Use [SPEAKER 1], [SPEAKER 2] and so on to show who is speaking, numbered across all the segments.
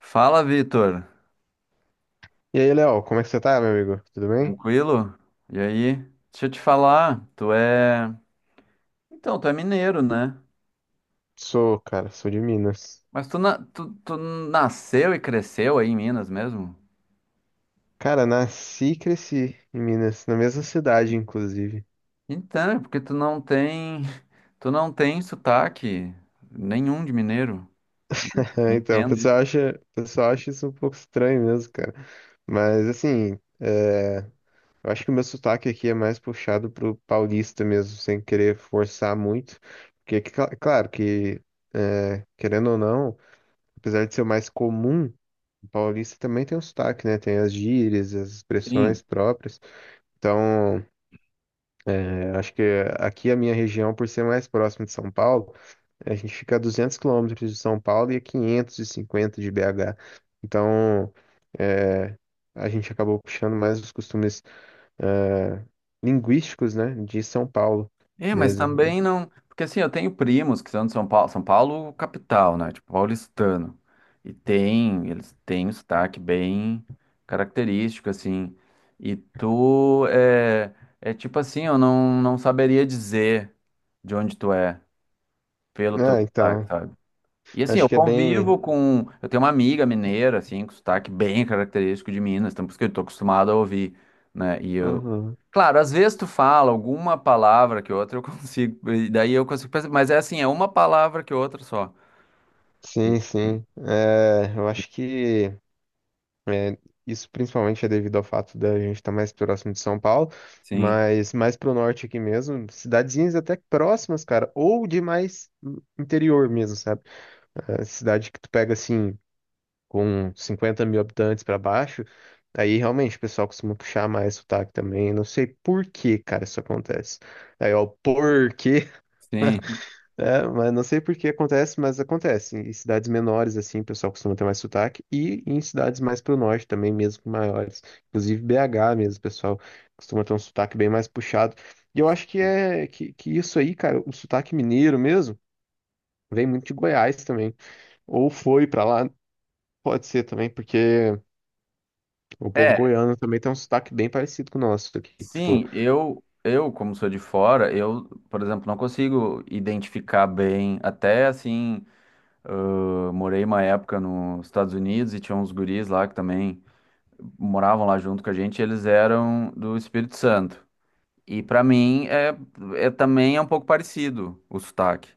[SPEAKER 1] Fala, Vitor.
[SPEAKER 2] E aí, Léo, como é que você tá, meu amigo? Tudo bem?
[SPEAKER 1] Tranquilo? E aí? Deixa eu te falar, tu é. Então, tu é mineiro, né?
[SPEAKER 2] Sou, cara, sou de Minas.
[SPEAKER 1] Mas tu nasceu e cresceu aí em Minas mesmo?
[SPEAKER 2] Cara, nasci e cresci em Minas, na mesma cidade, inclusive.
[SPEAKER 1] Então, é porque tu não tem. Tu não tem sotaque nenhum de mineiro. Não
[SPEAKER 2] Então,
[SPEAKER 1] entendo isso.
[SPEAKER 2] o pessoal acha isso um pouco estranho mesmo, cara. Mas, assim, eu acho que o meu sotaque aqui é mais puxado pro paulista mesmo, sem querer forçar muito. Porque, claro que, querendo ou não, apesar de ser o mais comum, o paulista também tem um sotaque, né? Tem as gírias, as
[SPEAKER 1] Sim.
[SPEAKER 2] expressões próprias. Então. Acho que aqui a minha região, por ser mais próxima de São Paulo, a gente fica a 200 quilômetros de São Paulo e a 550 de BH. Então, é, a gente acabou puxando mais os costumes eh, linguísticos, né, de São Paulo
[SPEAKER 1] É, mas
[SPEAKER 2] mesmo.
[SPEAKER 1] também não. Porque assim, eu tenho primos que são de São Paulo, São Paulo capital, né? Tipo, paulistano. E tem, eles têm um sotaque bem característico, assim. E tu é, é tipo assim, eu não saberia dizer de onde tu é pelo teu
[SPEAKER 2] Ah,
[SPEAKER 1] sotaque,
[SPEAKER 2] então,
[SPEAKER 1] sabe? E assim,
[SPEAKER 2] acho
[SPEAKER 1] eu
[SPEAKER 2] que é bem.
[SPEAKER 1] convivo com. Eu tenho uma amiga mineira, assim, com sotaque bem característico de Minas, então por isso que eu tô acostumado a ouvir, né? E eu.
[SPEAKER 2] Uhum.
[SPEAKER 1] Claro, às vezes tu fala alguma palavra que outra eu consigo, e daí eu consigo pensar, mas é assim, é uma palavra que outra só.
[SPEAKER 2] Sim, sim. Eu acho que é, isso principalmente é devido ao fato da gente estar mais próximo de São Paulo,
[SPEAKER 1] Sim,
[SPEAKER 2] mas mais pro norte aqui mesmo, cidadezinhas até próximas, cara, ou de mais interior mesmo, sabe? É, cidade que tu pega assim, com 50 mil habitantes pra baixo, aí realmente o pessoal costuma puxar mais sotaque também. Não sei por que, cara, isso acontece. Aí, ó, por quê?
[SPEAKER 1] sim.
[SPEAKER 2] É, mas não sei por que acontece, mas acontece. Em cidades menores, assim, o pessoal costuma ter mais sotaque. E em cidades mais pro norte também, mesmo maiores. Inclusive BH mesmo, o pessoal costuma ter um sotaque bem mais puxado. E eu acho que que isso aí, cara, o sotaque mineiro mesmo, vem muito de Goiás também. Ou foi pra lá, pode ser também, porque o povo
[SPEAKER 1] É,
[SPEAKER 2] goiano também tem um sotaque bem parecido com o nosso aqui. Tipo,
[SPEAKER 1] sim, eu, como sou de fora, eu, por exemplo, não consigo identificar bem. Até assim, eu morei uma época nos Estados Unidos e tinha uns guris lá que também. Moravam lá junto com a gente, eles eram do Espírito Santo. E pra mim é também é um pouco parecido o sotaque,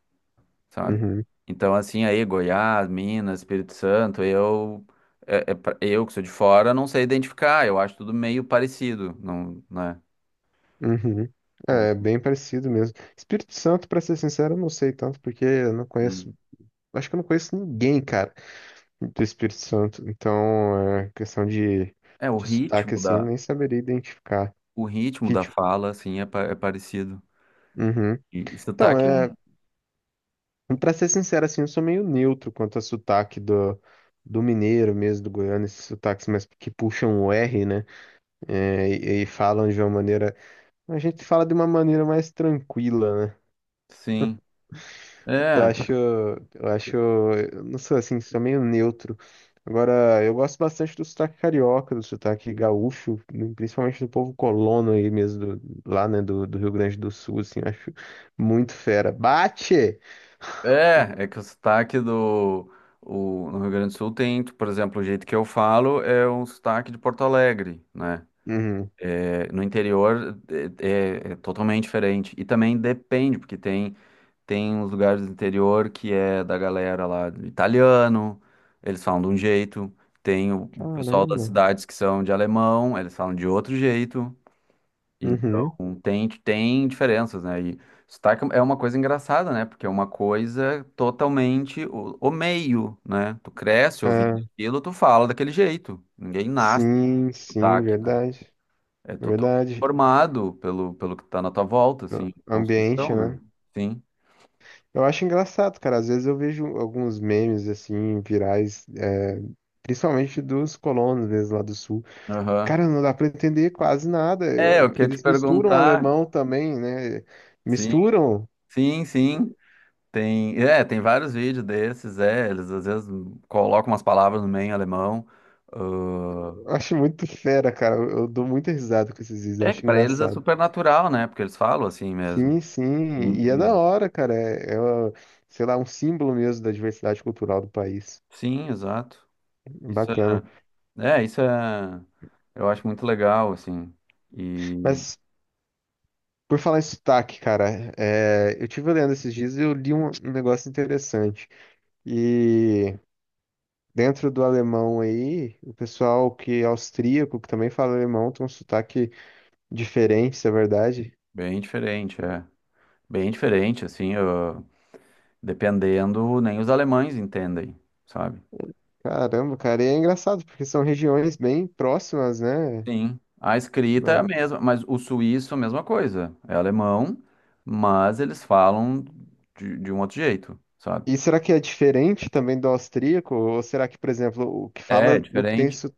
[SPEAKER 1] sabe?
[SPEAKER 2] uhum,
[SPEAKER 1] Então assim aí Goiás, Minas, Espírito Santo, eu é- é pra- eu que sou de fora não sei identificar, eu acho tudo meio parecido, não, né?
[SPEAKER 2] uhum. É,
[SPEAKER 1] Algum-
[SPEAKER 2] bem parecido mesmo. Espírito Santo, pra ser sincero, eu não sei tanto, porque eu não conheço. Acho que eu não conheço ninguém, cara, do Espírito Santo. Então, é questão
[SPEAKER 1] É
[SPEAKER 2] de sotaque, assim, eu nem saberia identificar.
[SPEAKER 1] o ritmo da
[SPEAKER 2] Ritmo.
[SPEAKER 1] fala assim é, pa- é parecido.
[SPEAKER 2] Uhum.
[SPEAKER 1] E, e
[SPEAKER 2] Então,
[SPEAKER 1] sotaque, é um-
[SPEAKER 2] é, pra ser sincero, assim, eu sou meio neutro quanto a sotaque do mineiro mesmo, do goiano, esses sotaques mais que puxam o R, né? É, e falam de uma maneira. A gente fala de uma maneira mais tranquila, né?
[SPEAKER 1] sim.
[SPEAKER 2] Eu
[SPEAKER 1] É.
[SPEAKER 2] acho, eu acho, eu não sei, assim, sou meio neutro. Agora, eu gosto bastante do sotaque carioca, do sotaque gaúcho, principalmente do povo colono aí mesmo, lá, né, do Rio Grande do Sul, assim, eu acho muito fera. Bate!
[SPEAKER 1] É, é que o sotaque do no Rio Grande do Sul tem, por exemplo, o jeito que eu falo é um sotaque de Porto Alegre, né?
[SPEAKER 2] Uhum.
[SPEAKER 1] É, no interior é totalmente diferente. E também depende, tem uns lugares do interior que é da galera lá do italiano, eles falam de um jeito. Tem o pessoal das
[SPEAKER 2] Caramba.
[SPEAKER 1] cidades que são de alemão, eles falam de outro jeito.
[SPEAKER 2] Uhum.
[SPEAKER 1] Então, tem diferenças, né? E sotaque é uma coisa engraçada, né? Porque é uma coisa totalmente o meio, né? Tu cresce ouvindo
[SPEAKER 2] Ah,
[SPEAKER 1] aquilo, tu fala daquele jeito. Ninguém nasce com
[SPEAKER 2] sim, sim,
[SPEAKER 1] sotaque, né?
[SPEAKER 2] verdade,
[SPEAKER 1] É totalmente
[SPEAKER 2] verdade.
[SPEAKER 1] formado pelo que tá na tua volta,
[SPEAKER 2] O
[SPEAKER 1] assim,
[SPEAKER 2] ambiente,
[SPEAKER 1] construção, né?
[SPEAKER 2] né?
[SPEAKER 1] Sim.
[SPEAKER 2] Eu acho engraçado, cara, às vezes eu vejo alguns memes, assim, virais, é, principalmente dos colonos, mesmo lá do Sul.
[SPEAKER 1] Aham.
[SPEAKER 2] Cara, não dá para entender quase nada,
[SPEAKER 1] É,
[SPEAKER 2] é
[SPEAKER 1] eu
[SPEAKER 2] porque
[SPEAKER 1] queria te
[SPEAKER 2] eles misturam
[SPEAKER 1] perguntar.
[SPEAKER 2] alemão também, né?
[SPEAKER 1] Sim,
[SPEAKER 2] Misturam.
[SPEAKER 1] sim, sim. É, tem vários vídeos desses, é. Eles às vezes colocam umas palavras no meio em alemão.
[SPEAKER 2] Eu acho muito fera, cara. Eu dou muita risada com esses vídeos, eu
[SPEAKER 1] É que
[SPEAKER 2] acho
[SPEAKER 1] pra eles é
[SPEAKER 2] engraçado.
[SPEAKER 1] super natural, né? Porque eles falam assim mesmo.
[SPEAKER 2] Sim, sim,
[SPEAKER 1] E-
[SPEAKER 2] e é da
[SPEAKER 1] e-
[SPEAKER 2] hora, cara. É, é, ó, sei lá, um símbolo mesmo da diversidade cultural do país.
[SPEAKER 1] Sim, exato. Isso
[SPEAKER 2] Bacana.
[SPEAKER 1] é, isso é, eu acho muito legal, assim, e
[SPEAKER 2] Mas, por falar em sotaque, cara, é, eu tive lendo esses dias e eu li um negócio interessante. E dentro do alemão aí, o pessoal que é austríaco, que também fala alemão, tem um sotaque diferentes, é verdade.
[SPEAKER 1] bem diferente, é. Bem diferente, assim, dependendo, nem os alemães entendem, sabe?
[SPEAKER 2] Caramba, cara, e é engraçado, porque são regiões bem próximas, né?
[SPEAKER 1] Sim, a escrita é a
[SPEAKER 2] Na-
[SPEAKER 1] mesma, mas o suíço é a mesma coisa, é alemão, mas eles falam de um outro jeito, sabe?
[SPEAKER 2] E será que é diferente também do austríaco? Ou será que, por exemplo, o que
[SPEAKER 1] É, é
[SPEAKER 2] fala, o que tem
[SPEAKER 1] diferente.
[SPEAKER 2] su-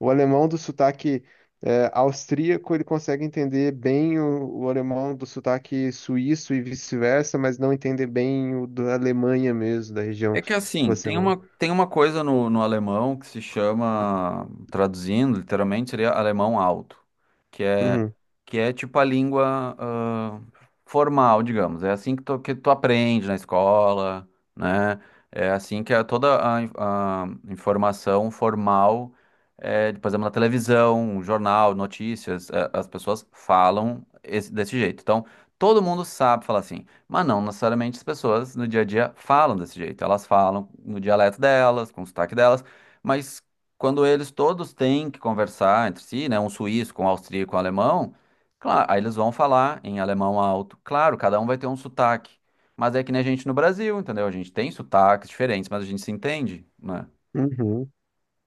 [SPEAKER 2] o alemão do sotaque é, austríaco, ele consegue entender bem o alemão do sotaque suíço e vice-versa, mas não entender bem o da Alemanha mesmo, da região
[SPEAKER 1] É que
[SPEAKER 2] que
[SPEAKER 1] assim,
[SPEAKER 2] você mora.
[SPEAKER 1] tem uma coisa no alemão que se chama, traduzindo, literalmente seria alemão alto, que é,
[SPEAKER 2] Uhum.
[SPEAKER 1] que é tipo a língua ah, formal, digamos. É assim que que tu aprende na escola, né? É assim que é toda a, a informação formal, é, por exemplo, na televisão, jornal, notícias, é, as pessoas falam desse jeito. Então, todo mundo sabe falar assim. Mas não necessariamente as pessoas no dia a dia falam desse jeito. Elas falam no dialeto delas, com o sotaque delas, mas quando eles todos têm que conversar entre si, né, um suíço com um austríaco, um alemão, claro, aí eles vão falar em alemão alto. Claro, cada um vai ter um sotaque, mas é que nem a gente no Brasil, entendeu? A gente tem sotaques diferentes, mas a gente se entende, né?
[SPEAKER 2] Uhum.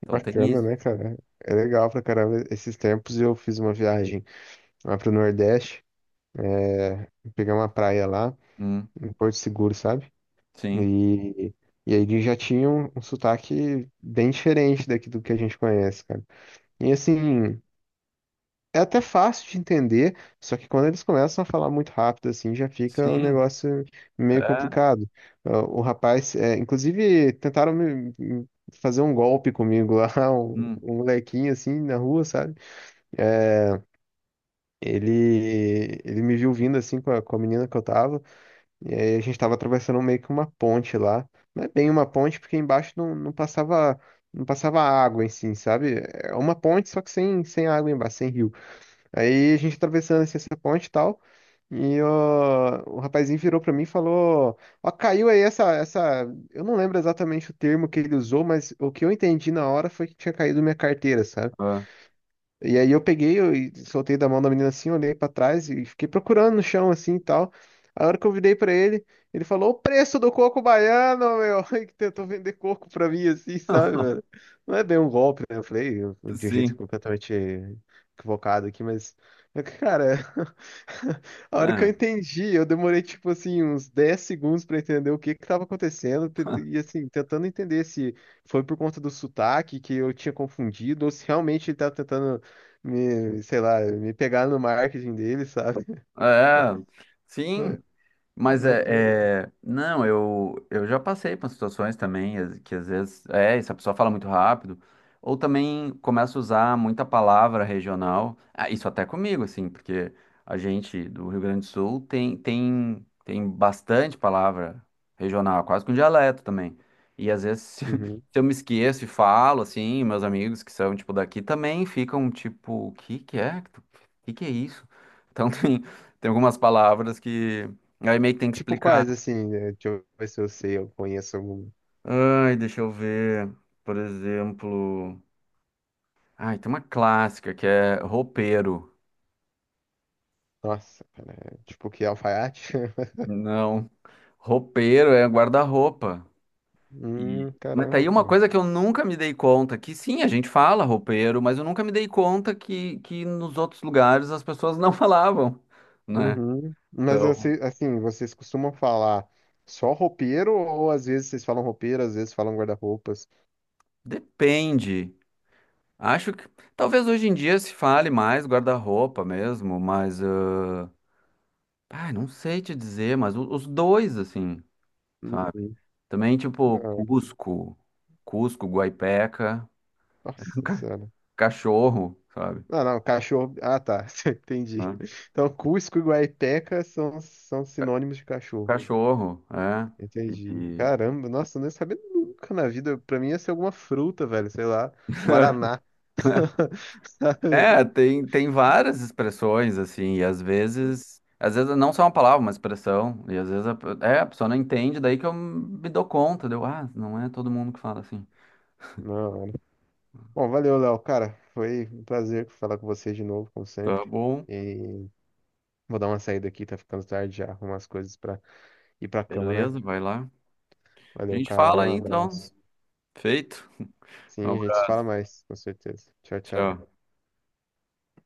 [SPEAKER 1] Então tem
[SPEAKER 2] Bacana,
[SPEAKER 1] isso.
[SPEAKER 2] né, cara? É legal pra caramba. Esses tempos eu fiz uma viagem lá pro Nordeste. Pegar uma praia lá,
[SPEAKER 1] Hum,
[SPEAKER 2] em Porto Seguro, sabe?
[SPEAKER 1] sim.
[SPEAKER 2] E, e aí eles já tinham um sotaque bem diferente daqui do que a gente conhece, cara. E assim, é até fácil de entender, só que quando eles começam a falar muito rápido, assim, já fica um
[SPEAKER 1] Sim.
[SPEAKER 2] negócio meio
[SPEAKER 1] É.
[SPEAKER 2] complicado. Ah, o rapaz, é, inclusive, tentaram me fazer um golpe comigo lá,
[SPEAKER 1] Hum,
[SPEAKER 2] um molequinho assim na rua, sabe? É, ele me viu vindo assim com com a menina que eu tava. E aí a gente tava atravessando meio que uma ponte lá. Não é bem uma ponte, porque embaixo não passava, não passava água em si, sabe? É uma ponte, só que sem, sem água embaixo, sem rio. Aí a gente atravessando assim, essa ponte e tal. E ó, o rapazinho virou pra mim e falou: Ó, caiu aí essa. Eu não lembro exatamente o termo que ele usou, mas o que eu entendi na hora foi que tinha caído minha carteira, sabe?
[SPEAKER 1] é.
[SPEAKER 2] E aí eu soltei da mão da menina assim, olhei pra trás e fiquei procurando no chão assim e tal. A hora que eu virei pra ele, ele falou o preço do coco baiano, meu, e que tentou vender coco pra mim assim, sabe, velho? Não é bem um golpe, né? De um jeito
[SPEAKER 1] Sim.
[SPEAKER 2] completamente equivocado aqui, mas cara, a hora que eu
[SPEAKER 1] É.
[SPEAKER 2] entendi, eu demorei, tipo assim, uns 10 segundos pra entender o que que tava acontecendo, e assim, tentando entender se foi por conta do sotaque que eu tinha confundido, ou se realmente ele tava tentando me, sei lá, me pegar no marketing dele, sabe?
[SPEAKER 1] É, sim,
[SPEAKER 2] Ba-
[SPEAKER 1] mas
[SPEAKER 2] Bacana.
[SPEAKER 1] é, não, eu já passei por situações também que às vezes é, essa pessoa fala muito rápido, ou também começa a usar muita palavra regional. Ah, isso até comigo, assim, porque a gente do Rio Grande do Sul tem, tem bastante palavra regional, quase que um dialeto também. E às vezes, se
[SPEAKER 2] Uhum.
[SPEAKER 1] eu me esqueço e falo, assim, meus amigos que são, tipo, daqui também ficam, tipo, o que que é? O que que é isso? Então tem, tem algumas palavras que. Aí meio que tem que
[SPEAKER 2] Tipo,
[SPEAKER 1] explicar.
[SPEAKER 2] quais, assim, né? Deixa eu ver se eu sei, eu conheço algum.
[SPEAKER 1] Ai, deixa eu ver. Por exemplo. Ai, tem uma clássica que é roupeiro.
[SPEAKER 2] Nossa, cara, é tipo que alfaiate?
[SPEAKER 1] Não. Roupeiro é guarda-roupa. E... Mas tá
[SPEAKER 2] Caramba,
[SPEAKER 1] aí uma
[SPEAKER 2] cara.
[SPEAKER 1] coisa que eu nunca me dei conta, que sim, a gente fala roupeiro, mas eu nunca me dei conta que nos outros lugares as pessoas não falavam, né?
[SPEAKER 2] Uhum. Mas
[SPEAKER 1] Então,
[SPEAKER 2] assim, assim, vocês costumam falar só roupeiro ou às vezes vocês falam roupeiro, às vezes falam guarda-roupas?
[SPEAKER 1] depende. Acho que talvez hoje em dia se fale mais guarda-roupa mesmo, mas. Ah, ai, não sei te dizer, mas os dois, assim. Sabe?
[SPEAKER 2] Uhum.
[SPEAKER 1] Também, tipo,
[SPEAKER 2] Ah,
[SPEAKER 1] Cusco, Guaipeca,
[SPEAKER 2] nossa
[SPEAKER 1] ca-
[SPEAKER 2] senhora.
[SPEAKER 1] cachorro, sabe?
[SPEAKER 2] Não, não, cachorro. Ah, tá,
[SPEAKER 1] Hã?
[SPEAKER 2] entendi. Então, Cusco e Guaipeca são, são
[SPEAKER 1] Ca-
[SPEAKER 2] sinônimos de cachorro.
[SPEAKER 1] Cachorro, é.
[SPEAKER 2] Entendi.
[SPEAKER 1] E-
[SPEAKER 2] Caramba, nossa, eu não ia saber nunca na vida. Pra mim ia ser alguma fruta, velho, sei lá, Guaraná. Sabe?
[SPEAKER 1] é, tem, tem várias expressões, assim, e às vezes não só uma palavra, uma expressão, e às vezes é, a pessoa não entende, daí que eu me dou conta, deu, ah, não é todo mundo que fala assim.
[SPEAKER 2] Não. Mano. Bom, valeu, Léo, cara. Foi um prazer falar com vocês de novo, como
[SPEAKER 1] Tá
[SPEAKER 2] sempre.
[SPEAKER 1] bom,
[SPEAKER 2] E vou dar uma saída aqui, tá ficando tarde já. Arrumar as coisas pra ir pra cama, né?
[SPEAKER 1] beleza, vai lá. A
[SPEAKER 2] Valeu,
[SPEAKER 1] gente
[SPEAKER 2] cara.
[SPEAKER 1] fala
[SPEAKER 2] Um
[SPEAKER 1] aí, então.
[SPEAKER 2] abraço.
[SPEAKER 1] Feito. Um
[SPEAKER 2] Sim, a gente se
[SPEAKER 1] abraço,
[SPEAKER 2] fala mais, com certeza. Tchau, tchau.
[SPEAKER 1] tchau.